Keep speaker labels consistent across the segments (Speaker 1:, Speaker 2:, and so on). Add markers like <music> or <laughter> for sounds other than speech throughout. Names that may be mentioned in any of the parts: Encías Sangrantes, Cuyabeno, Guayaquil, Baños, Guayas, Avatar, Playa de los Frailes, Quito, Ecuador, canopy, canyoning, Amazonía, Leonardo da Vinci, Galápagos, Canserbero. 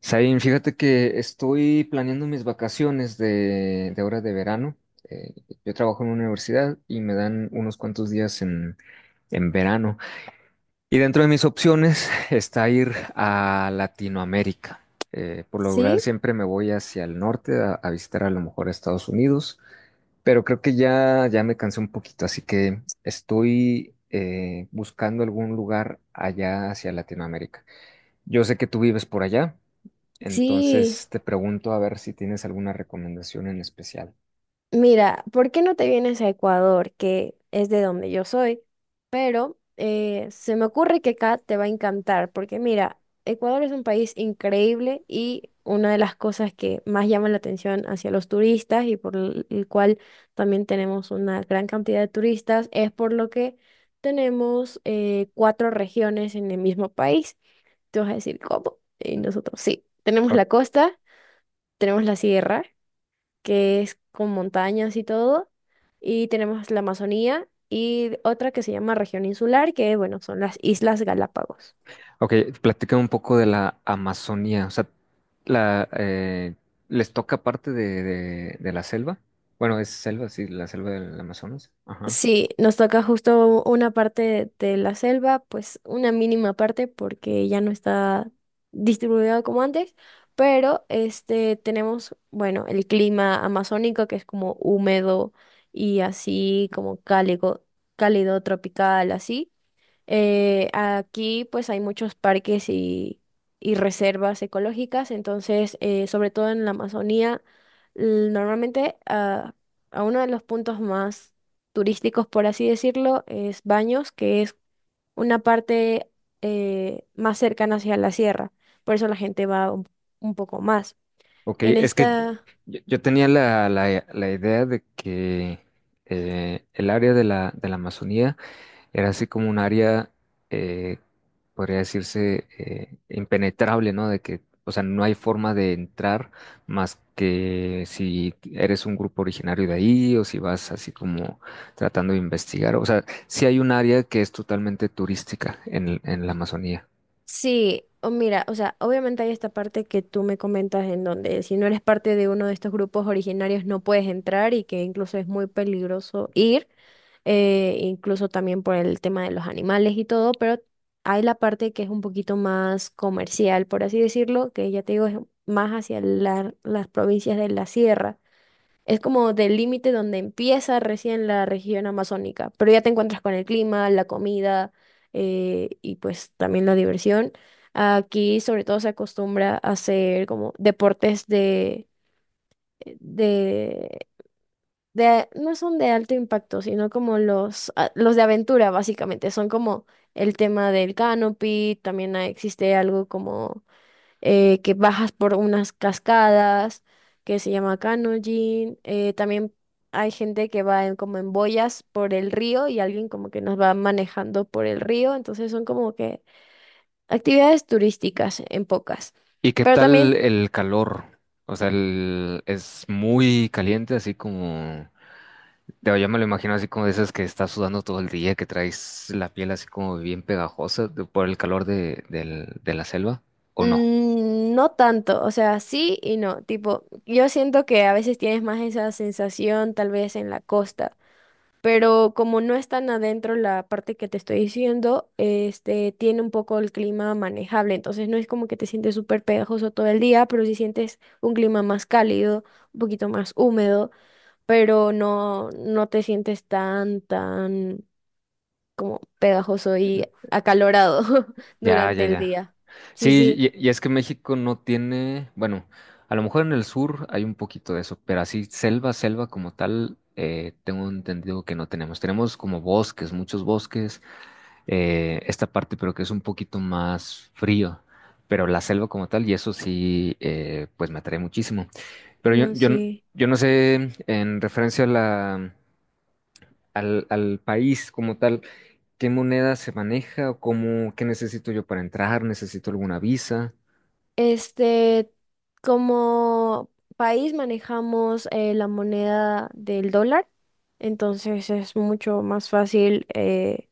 Speaker 1: Sabine, fíjate que estoy planeando mis vacaciones de ahora de verano. Eh, yo trabajo en una universidad y me dan unos cuantos días en verano. Y dentro de mis opciones <laughs> está ir a Latinoamérica. Por lo general
Speaker 2: Sí,
Speaker 1: siempre me voy hacia el norte a visitar a lo mejor a Estados Unidos, pero creo que ya, ya me cansé un poquito, así que estoy buscando algún lugar allá hacia Latinoamérica. Yo sé que tú vives por allá.
Speaker 2: sí.
Speaker 1: Entonces te pregunto a ver si tienes alguna recomendación en especial.
Speaker 2: Mira, ¿por qué no te vienes a Ecuador, que es de donde yo soy? Pero se me ocurre que acá te va a encantar, porque mira, Ecuador es un país increíble y una de las cosas que más llaman la atención hacia los turistas y por el cual también tenemos una gran cantidad de turistas es por lo que tenemos cuatro regiones en el mismo país. Te vas a decir, ¿cómo? Y nosotros sí, tenemos
Speaker 1: Ok,
Speaker 2: la costa, tenemos la sierra, que es con montañas y todo. Y tenemos la Amazonía y otra que se llama región insular, que bueno, son las Islas Galápagos.
Speaker 1: okay, platícame un poco de la Amazonía. O sea, la, eh, ¿les toca parte de la selva? Bueno, es selva, sí, la selva del Amazonas. Ajá.
Speaker 2: Sí, nos toca justo una parte de la selva, pues una mínima parte porque ya no está distribuido como antes, pero este tenemos, bueno, el clima amazónico que es como húmedo y así como cálido, cálido tropical, así. Aquí pues hay muchos parques y reservas ecológicas, entonces sobre todo en la Amazonía, normalmente a uno de los puntos más turísticos, por así decirlo, es Baños, que es una parte más cercana hacia la sierra, por eso la gente va un poco más.
Speaker 1: Ok,
Speaker 2: En
Speaker 1: es que
Speaker 2: esta...
Speaker 1: yo tenía la idea de que el área de la Amazonía era así como un área, eh, podría decirse, impenetrable, ¿no? De que, o sea, no hay forma de entrar más que si eres un grupo originario de ahí o si vas así como tratando de investigar. O sea, sí hay un área que es totalmente turística en la Amazonía.
Speaker 2: Sí, o mira, o sea, obviamente hay esta parte que tú me comentas en donde si no eres parte de uno de estos grupos originarios no puedes entrar y que incluso es muy peligroso ir, incluso también por el tema de los animales y todo, pero hay la parte que es un poquito más comercial, por así decirlo, que ya te digo, es más hacia las provincias de la sierra. Es como del límite donde empieza recién la región amazónica, pero ya te encuentras con el clima, la comida y pues también la diversión. Aquí sobre todo se acostumbra a hacer como deportes de, no son de alto impacto, sino como los, los de aventura básicamente. Son como el tema del canopy, también existe algo como que bajas por unas cascadas que se llama canyoning. También hay gente que va en, como en boyas por el río y alguien como que nos va manejando por el río. Entonces son como que actividades turísticas en pocas.
Speaker 1: ¿Y qué
Speaker 2: Pero también
Speaker 1: tal el calor? O sea, es muy caliente, así como... Yo ya me lo imagino así como de esas que estás sudando todo el día, que traes la piel así como bien pegajosa por el calor de la selva, ¿o no?
Speaker 2: no tanto, o sea, sí y no. Tipo, yo siento que a veces tienes más esa sensación tal vez en la costa, pero como no es tan adentro la parte que te estoy diciendo, este, tiene un poco el clima manejable, entonces no es como que te sientes súper pegajoso todo el día, pero sí sientes un clima más cálido, un poquito más húmedo, pero no, no te sientes tan, tan como pegajoso y acalorado <laughs>
Speaker 1: Ya,
Speaker 2: durante
Speaker 1: ya,
Speaker 2: el
Speaker 1: ya.
Speaker 2: día. Sí,
Speaker 1: Sí,
Speaker 2: sí,
Speaker 1: y es que México no tiene, bueno, a lo mejor en el sur hay un poquito de eso, pero así selva, selva como tal, tengo entendido que no tenemos. Tenemos como bosques, muchos bosques, esta parte, pero que es un poquito más frío, pero la selva como tal, y eso sí, pues me atrae muchísimo. Pero yo,
Speaker 2: no
Speaker 1: yo,
Speaker 2: sé.
Speaker 1: yo no sé, en referencia a al país como tal, qué moneda se maneja o cómo, qué necesito yo para entrar, necesito alguna visa.
Speaker 2: Este, como país manejamos la moneda del dólar, entonces es mucho más fácil,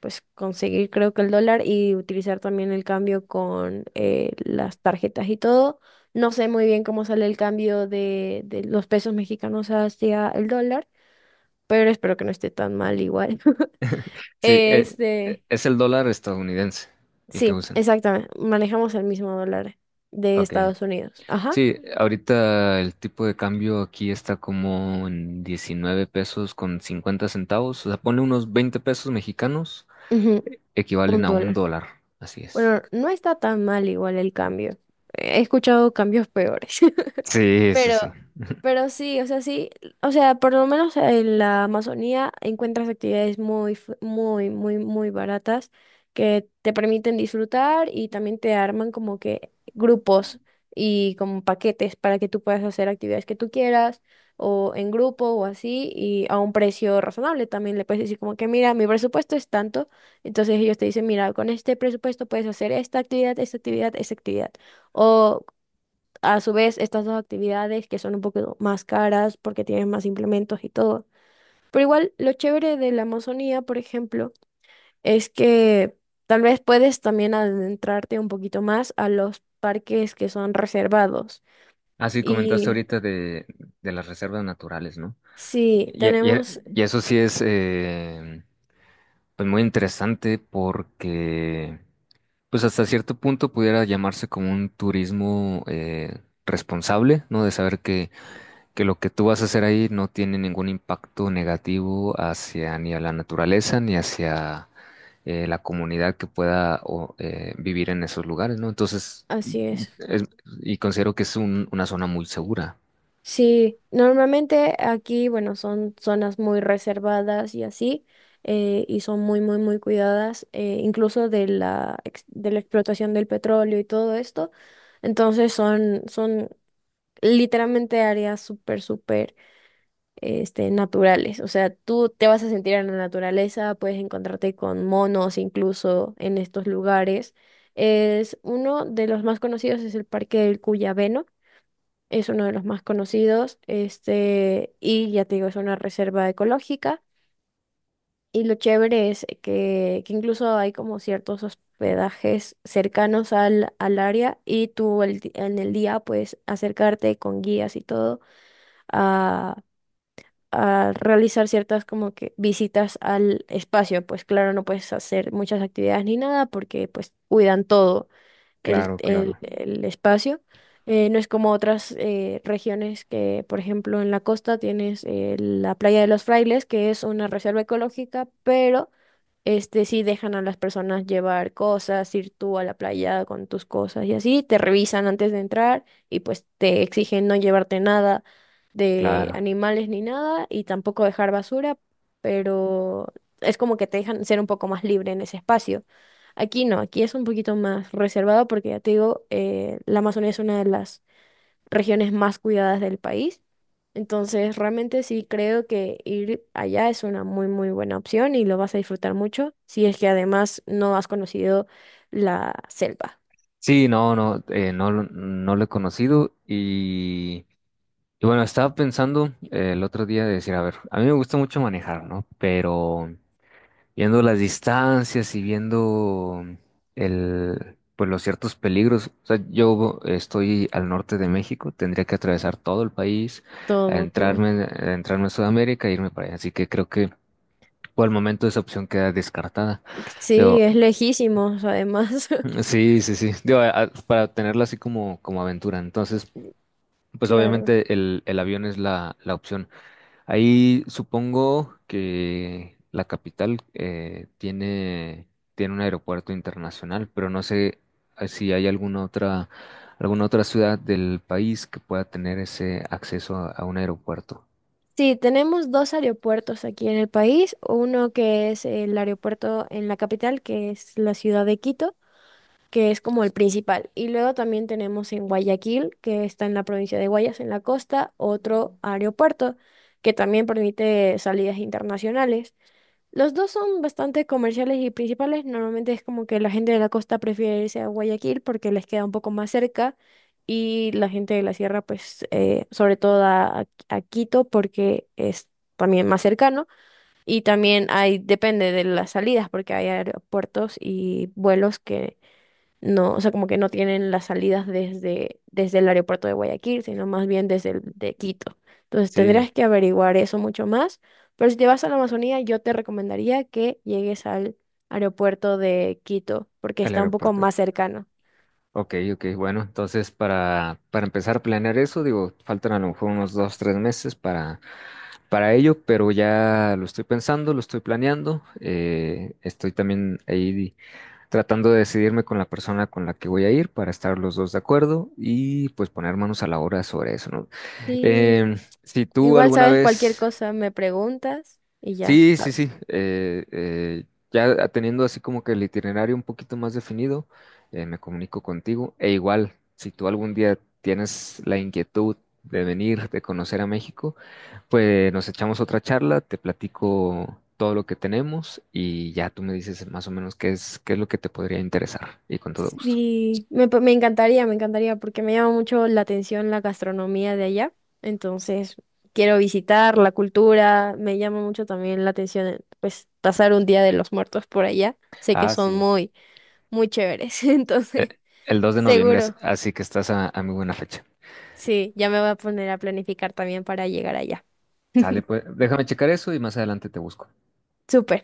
Speaker 2: pues conseguir creo que el dólar y utilizar también el cambio con las tarjetas y todo. No sé muy bien cómo sale el cambio de los pesos mexicanos hacia el dólar, pero espero que no esté tan mal igual. <laughs>
Speaker 1: Sí,
Speaker 2: Este,
Speaker 1: es el dólar estadounidense el que
Speaker 2: sí,
Speaker 1: usan.
Speaker 2: exactamente, manejamos el mismo dólar de
Speaker 1: Ok.
Speaker 2: Estados Unidos. Ajá.
Speaker 1: Sí, ahorita el tipo de cambio aquí está como en 19 pesos con 50 centavos. O sea, pone unos 20 pesos mexicanos,
Speaker 2: Ujú. Un
Speaker 1: equivalen a un
Speaker 2: dólar.
Speaker 1: dólar. Así es.
Speaker 2: Bueno, no está tan mal igual el cambio. He escuchado cambios peores. <laughs>
Speaker 1: Sí, sí,
Speaker 2: Pero
Speaker 1: sí.
Speaker 2: pero sí, o sea, por lo menos en la Amazonía encuentras actividades muy, muy, muy, muy baratas que te permiten disfrutar y también te arman como que grupos y como paquetes para que tú puedas hacer actividades que tú quieras o en grupo o así y a un precio razonable. También le puedes decir como que, mira, mi presupuesto es tanto. Entonces ellos te dicen, mira, con este presupuesto puedes hacer esta actividad, esta actividad, esta actividad. O a su vez, estas dos actividades que son un poco más caras porque tienen más implementos y todo. Pero igual, lo chévere de la Amazonía, por ejemplo, es que tal vez puedes también adentrarte un poquito más a los parques que son reservados.
Speaker 1: Así comentaste
Speaker 2: Y
Speaker 1: ahorita de las reservas naturales, ¿no?
Speaker 2: sí,
Speaker 1: Y,
Speaker 2: tenemos,
Speaker 1: y- y eso sí es pues muy interesante porque pues hasta cierto punto pudiera llamarse como un turismo responsable, ¿no? De saber que lo que tú vas a hacer ahí no tiene ningún impacto negativo hacia ni a la naturaleza ni hacia la comunidad que pueda o, vivir en esos lugares, ¿no? Entonces,
Speaker 2: así es.
Speaker 1: es- y considero que es una zona muy segura.
Speaker 2: Sí, normalmente aquí, bueno, son zonas muy reservadas y así, y son muy, muy, muy cuidadas, incluso de la, de la explotación del petróleo y todo esto. Entonces son, son literalmente áreas súper, súper, este, naturales. O sea, tú te vas a sentir en la naturaleza, puedes encontrarte con monos incluso en estos lugares. Es uno de los más conocidos es el Parque del Cuyabeno, es uno de los más conocidos, este, y ya te digo, es una reserva ecológica. Y lo chévere es que incluso hay como ciertos hospedajes cercanos al, al área y tú en el día puedes acercarte con guías y todo a, a realizar ciertas como que visitas al espacio. Pues claro, no puedes hacer muchas actividades ni nada porque pues cuidan todo el,
Speaker 1: Claro, claro,
Speaker 2: el espacio. No es como otras regiones que, por ejemplo, en la costa tienes la Playa de los Frailes, que es una reserva ecológica, pero este sí dejan a las personas llevar cosas, ir tú a la playa con tus cosas y así, te revisan antes de entrar y pues te exigen no llevarte nada de
Speaker 1: claro.
Speaker 2: animales ni nada y tampoco dejar basura, pero es como que te dejan ser un poco más libre en ese espacio. Aquí no, aquí es un poquito más reservado porque ya te digo, la Amazonía es una de las regiones más cuidadas del país. Entonces, realmente sí creo que ir allá es una muy, muy buena opción y lo vas a disfrutar mucho si es que además no has conocido la selva.
Speaker 1: Sí, no, no, no, no lo he conocido y bueno, estaba pensando el otro día de decir, a ver, a mí me gusta mucho manejar, ¿no? Pero viendo las distancias y viendo pues los ciertos peligros, o sea, yo estoy al norte de México, tendría que atravesar todo el país,
Speaker 2: Todo, todo.
Speaker 1: entrarme, entrarme a Sudamérica e irme para allá, así que creo que por el momento esa opción queda descartada.
Speaker 2: Sí,
Speaker 1: Pero.
Speaker 2: es lejísimos, además. <laughs>
Speaker 1: Sí, sí, sí. Digo, para tenerla así como aventura. Entonces, pues
Speaker 2: Claro.
Speaker 1: obviamente el avión es la opción. Ahí supongo que la capital tiene un aeropuerto internacional, pero no sé si hay alguna otra ciudad del país que pueda tener ese acceso a un aeropuerto.
Speaker 2: Sí, tenemos dos aeropuertos aquí en el país. Uno que es el aeropuerto en la capital, que es la ciudad de Quito, que es como el principal. Y luego también tenemos en Guayaquil, que está en la provincia de Guayas, en la costa, otro aeropuerto que también permite salidas internacionales. Los dos son bastante comerciales y principales. Normalmente es como que la gente de la costa prefiere irse a Guayaquil porque les queda un poco más cerca y la gente de la sierra, pues, sobre todo a Quito porque es también más cercano. Y también hay, depende de las salidas porque hay aeropuertos y vuelos que no, o sea, como que no tienen las salidas desde, desde el aeropuerto de Guayaquil, sino más bien desde el de Quito. Entonces
Speaker 1: Sí,
Speaker 2: tendrías que averiguar eso mucho más. Pero si te vas a la Amazonía, yo te recomendaría que llegues al aeropuerto de Quito, porque
Speaker 1: el
Speaker 2: está un poco
Speaker 1: aeropuerto.
Speaker 2: más cercano.
Speaker 1: Ok, ok, bueno, entonces para empezar a planear eso, digo, faltan a lo mejor unos dos, tres meses para ello, pero ya lo estoy pensando, lo estoy planeando. Estoy también ahí tratando de decidirme con la persona con la que voy a ir para estar los dos de acuerdo y pues poner manos a la obra sobre eso, ¿no?
Speaker 2: Sí,
Speaker 1: Si tú
Speaker 2: igual
Speaker 1: alguna
Speaker 2: sabes cualquier
Speaker 1: vez...
Speaker 2: cosa, me preguntas y ya.
Speaker 1: Sí, sí, sí. Ya teniendo así como que el itinerario un poquito más definido, me comunico contigo. E igual, si tú algún día tienes la inquietud de venir, de conocer a México, pues nos echamos otra charla, te platico todo lo que tenemos y ya tú me dices más o menos qué es, lo que te podría interesar y con todo gusto.
Speaker 2: Sí, me, me encantaría, porque me llama mucho la atención la gastronomía de allá. Entonces, quiero visitar la cultura, me llama mucho también la atención, pues, pasar un día de los muertos por allá. Sé que
Speaker 1: Ah,
Speaker 2: son
Speaker 1: sí.
Speaker 2: muy, muy chéveres, <laughs>
Speaker 1: Eh,
Speaker 2: entonces,
Speaker 1: El 2 de noviembre, as-
Speaker 2: seguro.
Speaker 1: así que estás a muy buena fecha.
Speaker 2: Sí, ya me voy a poner a planificar también para llegar allá.
Speaker 1: Sale,
Speaker 2: <laughs>
Speaker 1: pues déjame checar eso y más adelante te busco.
Speaker 2: Súper.